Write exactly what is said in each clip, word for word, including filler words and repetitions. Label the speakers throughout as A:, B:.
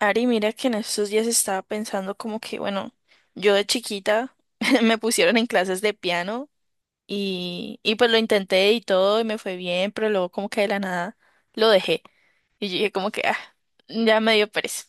A: Ari, mira que en estos días estaba pensando como que, bueno, yo de chiquita me pusieron en clases de piano y, y pues lo intenté y todo y me fue bien, pero luego como que de la nada lo dejé. Y yo dije como que, ah, ya me dio pereza.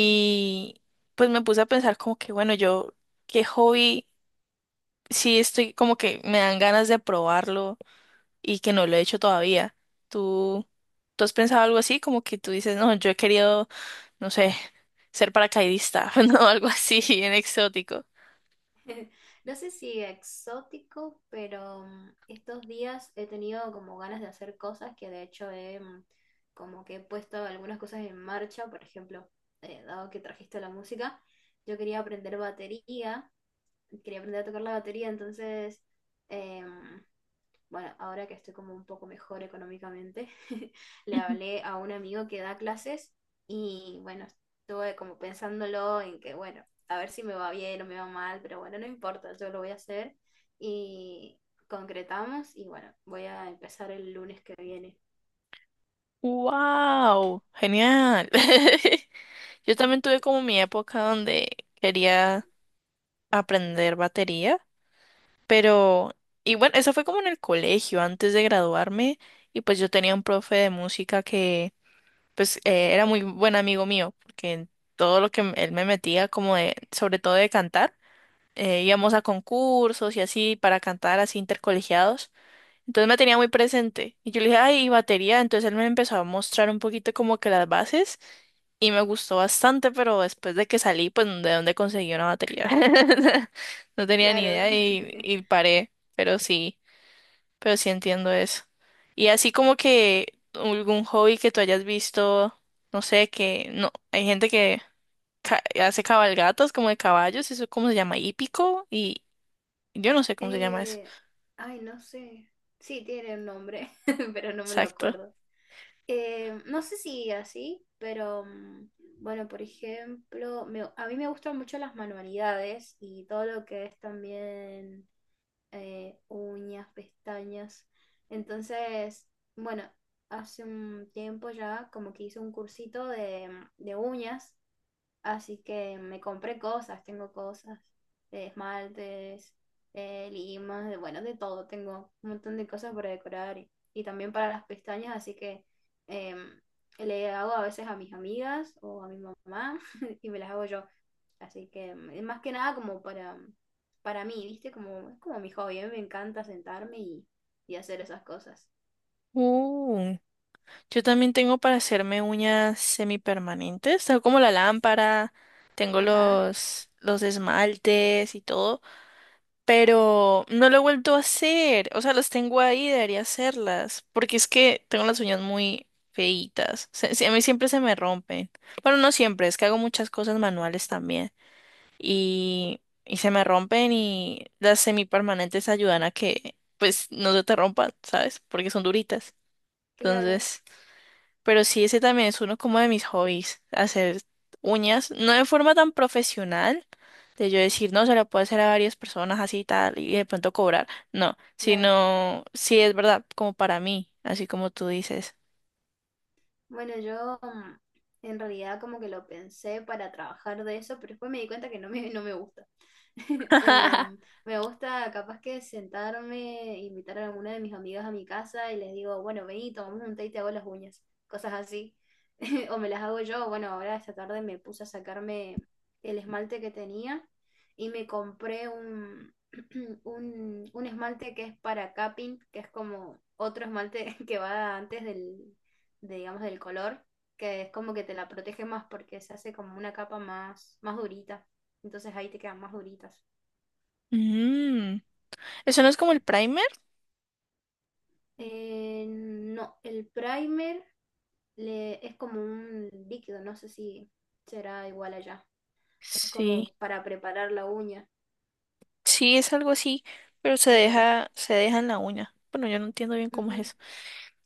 A: pues me puse a pensar como que, bueno, yo, qué hobby, sí estoy como que me dan ganas de probarlo y que no lo he hecho todavía. ¿Tú, tú has pensado algo así? Como que tú dices, no, yo he querido no sé, ser paracaidista, no, algo así, bien exótico.
B: No sé si exótico, pero mm, estos días he tenido como ganas de hacer cosas que de hecho he mm, como que he puesto algunas cosas en marcha. Por ejemplo, eh, dado que trajiste la música, yo quería aprender batería, quería aprender a tocar la batería. Entonces em, bueno, ahora que estoy como un poco mejor económicamente, le
A: Ujú.
B: hablé a un amigo que da clases y bueno, estuve como pensándolo en que, bueno, a ver si me va bien o me va mal, pero bueno, no importa, yo lo voy a hacer y concretamos y bueno, voy a empezar el lunes que viene.
A: ¡Wow! Genial. Yo también tuve como mi época donde quería aprender batería, pero, y bueno, eso fue como en el colegio, antes de graduarme, y pues yo tenía un profe de música que, pues, eh, era muy buen amigo mío, porque todo lo que m- él me metía, como de, sobre todo de cantar, eh, íbamos a concursos y así para cantar así intercolegiados. Entonces me tenía muy presente. Y yo le dije, ay, ¿y batería. Entonces él me empezó a mostrar un poquito como que las bases y me gustó bastante, pero después de que salí, pues de dónde conseguí una batería. No tenía ni
B: Claro.
A: idea y, y paré, pero sí, pero sí entiendo eso. Y así como que algún hobby que tú hayas visto, no sé, que no, hay gente que ca- hace cabalgatas como de caballos, eso cómo se llama, hípico, y yo no sé cómo se llama eso.
B: Eh, ay, no sé. Sí, tiene un nombre, pero no me lo
A: Exacto.
B: acuerdo. Eh, no sé si así, pero mm, bueno, por ejemplo, me- a mí me gustan mucho las manualidades y todo lo que es también eh, uñas, pestañas. Entonces, bueno, hace un tiempo ya como que hice un cursito de, de uñas. Así que me compré cosas, tengo cosas, eh, esmaltes, eh, limas, de, bueno, de todo, tengo un montón de cosas para decorar y, y también para las pestañas, así que eh, le hago a veces a mis amigas o a mi mamá y me las hago yo. Así que mm, más que nada como para, para mí, ¿viste? Como, es como mi hobby, a mí me encanta sentarme y, y hacer esas cosas.
A: Uh. Yo también tengo para hacerme uñas semipermanentes, tengo como la lámpara, tengo
B: Ajá,
A: los, los esmaltes y todo, pero no lo he vuelto a hacer, o sea, las tengo ahí, debería hacerlas, porque es que tengo las uñas muy feitas, se- se- a mí siempre se me rompen, bueno, no siempre, es que hago muchas cosas manuales también y, y se me rompen y las semipermanentes ayudan a que pues no se te rompan, ¿sabes? Porque son duritas,
B: claro,
A: entonces... Pero sí, ese también es uno como de mis hobbies, hacer uñas, no de forma tan profesional, de yo decir, no, se lo puedo hacer a varias personas así y tal, y de pronto cobrar, no,
B: claro.
A: sino, sí es verdad, como para mí, así como tú dices.
B: Bueno, yo mm, en realidad como que lo pensé para trabajar de eso, pero después me di cuenta que no me, no me gusta. Em, Me gusta capaz que sentarme, invitar a alguna de mis amigas a mi casa y les digo, bueno, vení, tomamos un té y te hago las uñas, cosas así. O me las hago yo, bueno, ahora esta tarde me puse a sacarme el esmalte que tenía y me compré un, un, un esmalte que es para capping, que es como otro esmalte que va antes del, de, digamos, del color, que es como que te la protege más porque se hace como una capa más, más durita. Entonces ahí te quedan más duritas.
A: Mm, ¿eso no es como el primer?
B: Eh, no, el primer le, es como un líquido, no sé si será igual allá. Es como
A: Sí,
B: para preparar la uña,
A: sí es algo así, pero se
B: claro.
A: deja, se deja en la uña. Bueno, yo no entiendo bien cómo es
B: Ujú.
A: eso.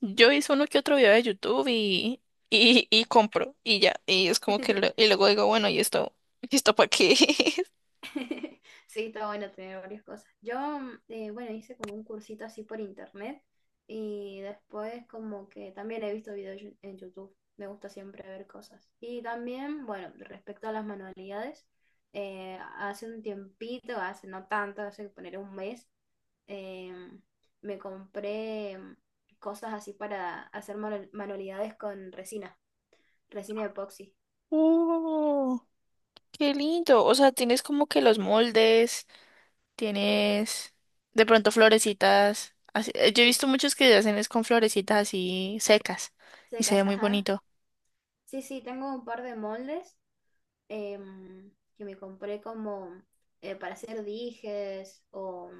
A: Yo hice uno que otro video de YouTube y, y, y compro y ya. Y es como que lo- y luego digo, bueno, ¿y esto, ¿y esto para qué es?
B: Sí, está bueno tener varias cosas. Yo, mm, eh, bueno, hice como un cursito así por internet y después como que también he visto videos yo- en YouTube. Me gusta siempre ver cosas. Y también, bueno, respecto a las manualidades, eh, hace un tiempito, hace no tanto, hace poner un mes, eh, me compré mm, cosas así para hacer manu- manualidades con resina, resina epoxi.
A: ¡Oh! ¡Qué lindo! O sea, tienes como que los moldes, tienes de pronto florecitas. Así. eh, Yo he
B: Sí,
A: visto muchos que hacen es con florecitas así secas y se
B: secas,
A: ve muy
B: ajá.
A: bonito.
B: Sí, sí, tengo un par de moldes em, que me compré como eh, para hacer dijes o,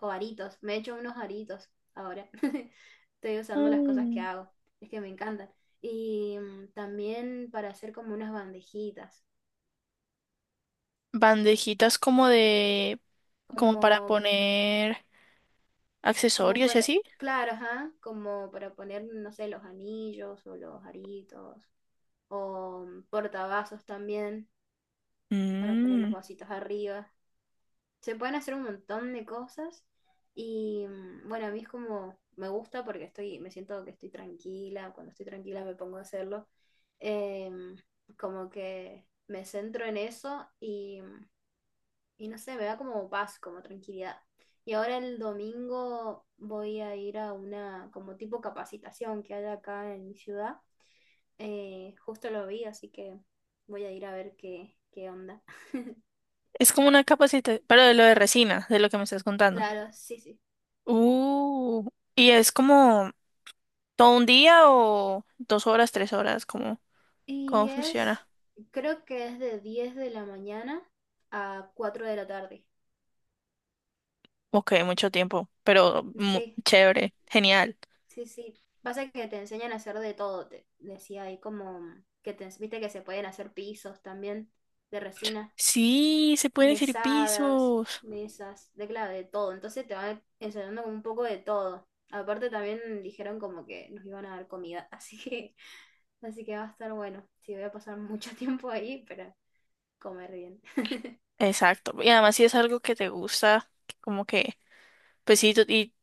B: o aritos. Me he hecho unos aritos ahora. Estoy usando las cosas que
A: Mm.
B: hago. Es que me encantan. Y mm, también para hacer como unas bandejitas.
A: Bandejitas como de, como
B: Como,
A: para poner
B: como
A: accesorios y
B: para,
A: así.
B: claro, ajá, como para poner, no sé, los anillos o los aritos. O mm, portavasos también, para poner los vasitos arriba. Se pueden hacer un montón de cosas y mm, bueno, a mí es como, me gusta porque estoy, me siento que estoy tranquila, cuando estoy tranquila me pongo a hacerlo. Em, Como que me centro en eso y, mm, y no sé, me da como paz, como tranquilidad. Y ahora el domingo voy a ir a una como tipo capacitación que hay acá en mi ciudad. Eh, justo lo vi, así que voy a ir a ver qué, qué onda.
A: Es como una capacitación, pero de lo de resina, de lo que me estás contando.
B: Claro, sí, sí.
A: Uh, y es como todo un día o dos horas, tres horas, ¿cómo, cómo
B: Y es,
A: funciona?
B: creo que es de diez de la mañana a cuatro de la tarde.
A: Ok, mucho tiempo, pero mu-
B: Sí,
A: chévere, genial.
B: sí, sí. Pasa que te enseñan a hacer de todo, te decía ahí como que te viste que se pueden hacer pisos también de resina,
A: Sí, se pueden decir
B: mesadas,
A: pisos.
B: mesas, de claro, de todo. Entonces te van enseñando como un poco de todo. Aparte también dijeron como que nos iban a dar comida, así que, así que va a estar bueno. Sí, voy a pasar mucho tiempo ahí, pero comer bien.
A: Exacto. Y además si es algo que te gusta, que como que, pues sí, tú- y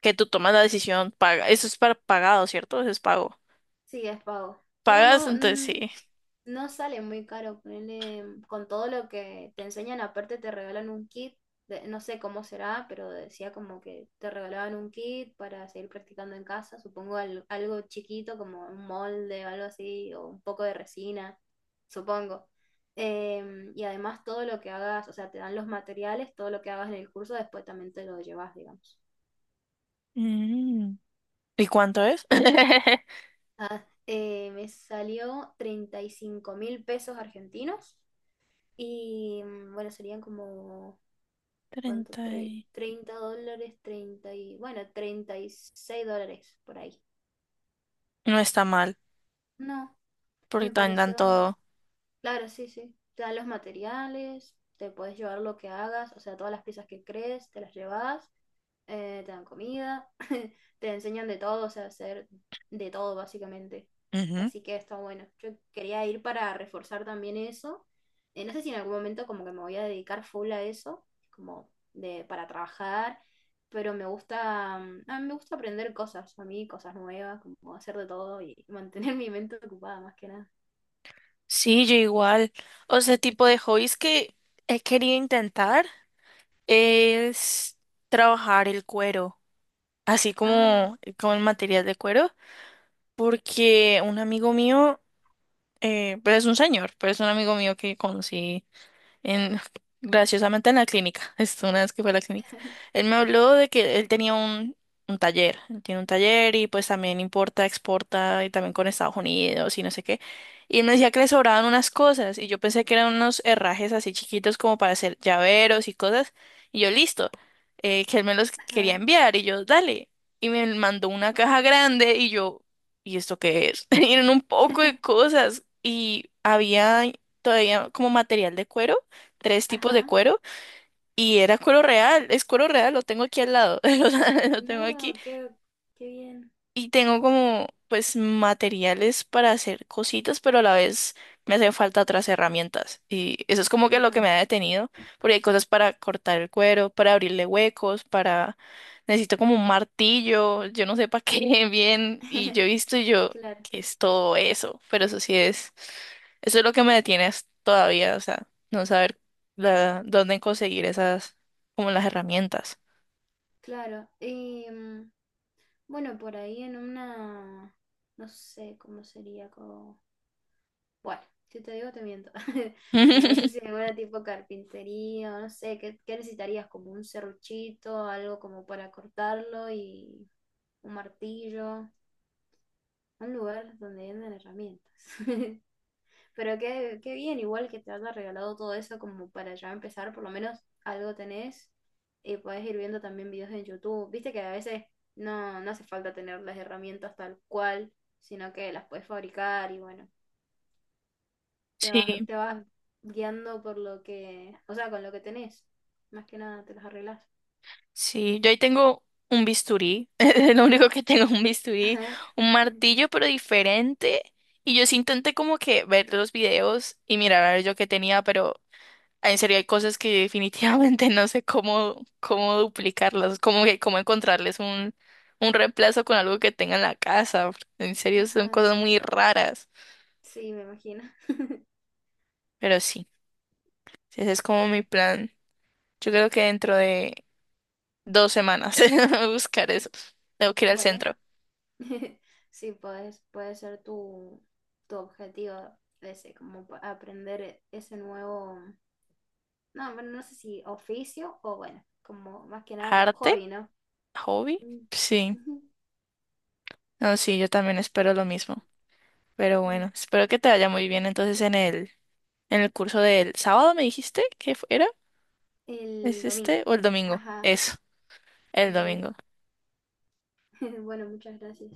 A: que tú tomas la decisión, paga. Eso es para pagado, ¿cierto? Eso es pago.
B: Sí, es pago. Pero
A: Pagas,
B: no,
A: entonces
B: mm,
A: sí.
B: no sale muy caro. Ponerle con todo lo que te enseñan, aparte te regalan un kit. de- no sé cómo será, pero decía como que te regalaban un kit para seguir practicando en casa. Supongo al- algo chiquito como un molde o algo así, o un poco de resina, supongo. Em, y además todo lo que hagas, o sea, te dan los materiales, todo lo que hagas en el curso, después también te lo llevas, digamos.
A: Mm. ¿Y cuánto es?
B: Ah, eh, me salió treinta y cinco mil pesos argentinos. Y mm, bueno, serían como, ¿cuánto?
A: Treinta.
B: Tre- treinta dólares, treinta y, bueno, treinta y seis dólares por ahí.
A: No está mal,
B: No,
A: porque
B: me
A: también dan
B: pareció.
A: todo.
B: Claro, sí, sí. Te dan los materiales, te puedes llevar lo que hagas, o sea, todas las piezas que crees, te las llevas, eh, te dan comida, te enseñan de todo, o sea, hacer de todo básicamente.
A: Ujú.
B: Así que está bueno. Yo quería ir para reforzar también eso. Eh, no sé si en algún momento como que me voy a dedicar full a eso, como de para trabajar, pero me gusta, mm, a mí me gusta aprender cosas, a mí cosas nuevas, como hacer de todo y mantener mi mente ocupada más que nada.
A: Sí, yo igual. O sea, tipo de hobbies que he querido intentar es trabajar el cuero, así
B: Ah,
A: como, como el material de cuero, porque un amigo mío, eh, pero es un señor, pero es un amigo mío que conocí. En, graciosamente en la clínica, esto una vez que fue a la clínica. Él me habló de que él tenía un, un taller, él tiene un taller y pues también importa, exporta y también con Estados Unidos y no sé qué. Y él me decía que le sobraban unas cosas y yo pensé que eran unos herrajes así chiquitos como para hacer llaveros y cosas. Y yo, listo, eh, que él me los quería
B: ajá.
A: enviar y yo, dale. Y me mandó una caja grande y yo, ¿y esto qué es? Y eran un poco de cosas y había todavía como material de cuero tres tipos de
B: Ajá.
A: cuero y era cuero real, es cuero real, lo tengo aquí al lado, lo, tengo aquí
B: No, qué, qué bien.
A: y tengo como pues materiales para hacer cositas, pero a la vez me hacen falta otras herramientas. Y eso es como que lo que
B: Ajá.
A: me ha detenido, porque hay cosas para cortar el cuero, para abrirle huecos, para... Necesito como un martillo, yo no sé para qué bien. Y yo he visto y yo,
B: Claro,
A: que es todo eso? Pero eso sí es, eso es lo que me detiene as- todavía, o sea, no saber la- dónde conseguir esas, como las herramientas.
B: claro. Y mm, bueno, por ahí en una, no sé cómo sería como, bueno, si te digo te miento, pero no sé si en alguna tipo carpintería o no sé, ¿qué, qué necesitarías? Como un serruchito, algo como para cortarlo y un martillo, un lugar donde venden herramientas. Pero qué, qué bien, igual que te haya regalado todo eso como para ya empezar, por lo menos algo tenés y podés ir viendo también videos en YouTube. Viste que a veces no, no hace falta tener las herramientas tal cual, sino que las puedes fabricar y bueno, te
A: Sí.
B: vas, te vas guiando por lo que, o sea, con lo que tenés. Más que nada te las arreglas.
A: Sí, yo ahí tengo un bisturí, es lo único que tengo un bisturí,
B: Ajá.
A: un martillo pero diferente. Y yo sí intenté como que ver los videos y mirar a ver yo qué tenía, pero en serio hay cosas que yo definitivamente no sé cómo, cómo duplicarlas, cómo, que- cómo encontrarles un, un reemplazo con algo que tenga en la casa. En serio son
B: Ajá.
A: cosas muy raras,
B: Sí, me imagino.
A: pero sí, ese es como mi plan. Yo creo que dentro de dos semanas buscar eso. Tengo que ir al
B: Bueno,
A: centro.
B: sí, puedes, puede ser tu, tu, objetivo ese, como pa- aprender ese nuevo, no, bueno, no sé si oficio o bueno, como más que nada como
A: Arte.
B: hobby, ¿no?
A: ¿Hobby?
B: Mm.
A: Sí. No, sí, yo también espero lo mismo. Pero bueno, espero que te vaya muy bien entonces en el, en el curso del sábado, ¿me dijiste que fu- era?
B: El
A: ¿Es
B: domingo.
A: este? ¿O el domingo?
B: Ajá,
A: Eso, el
B: bueno,
A: domingo.
B: bueno, muchas gracias.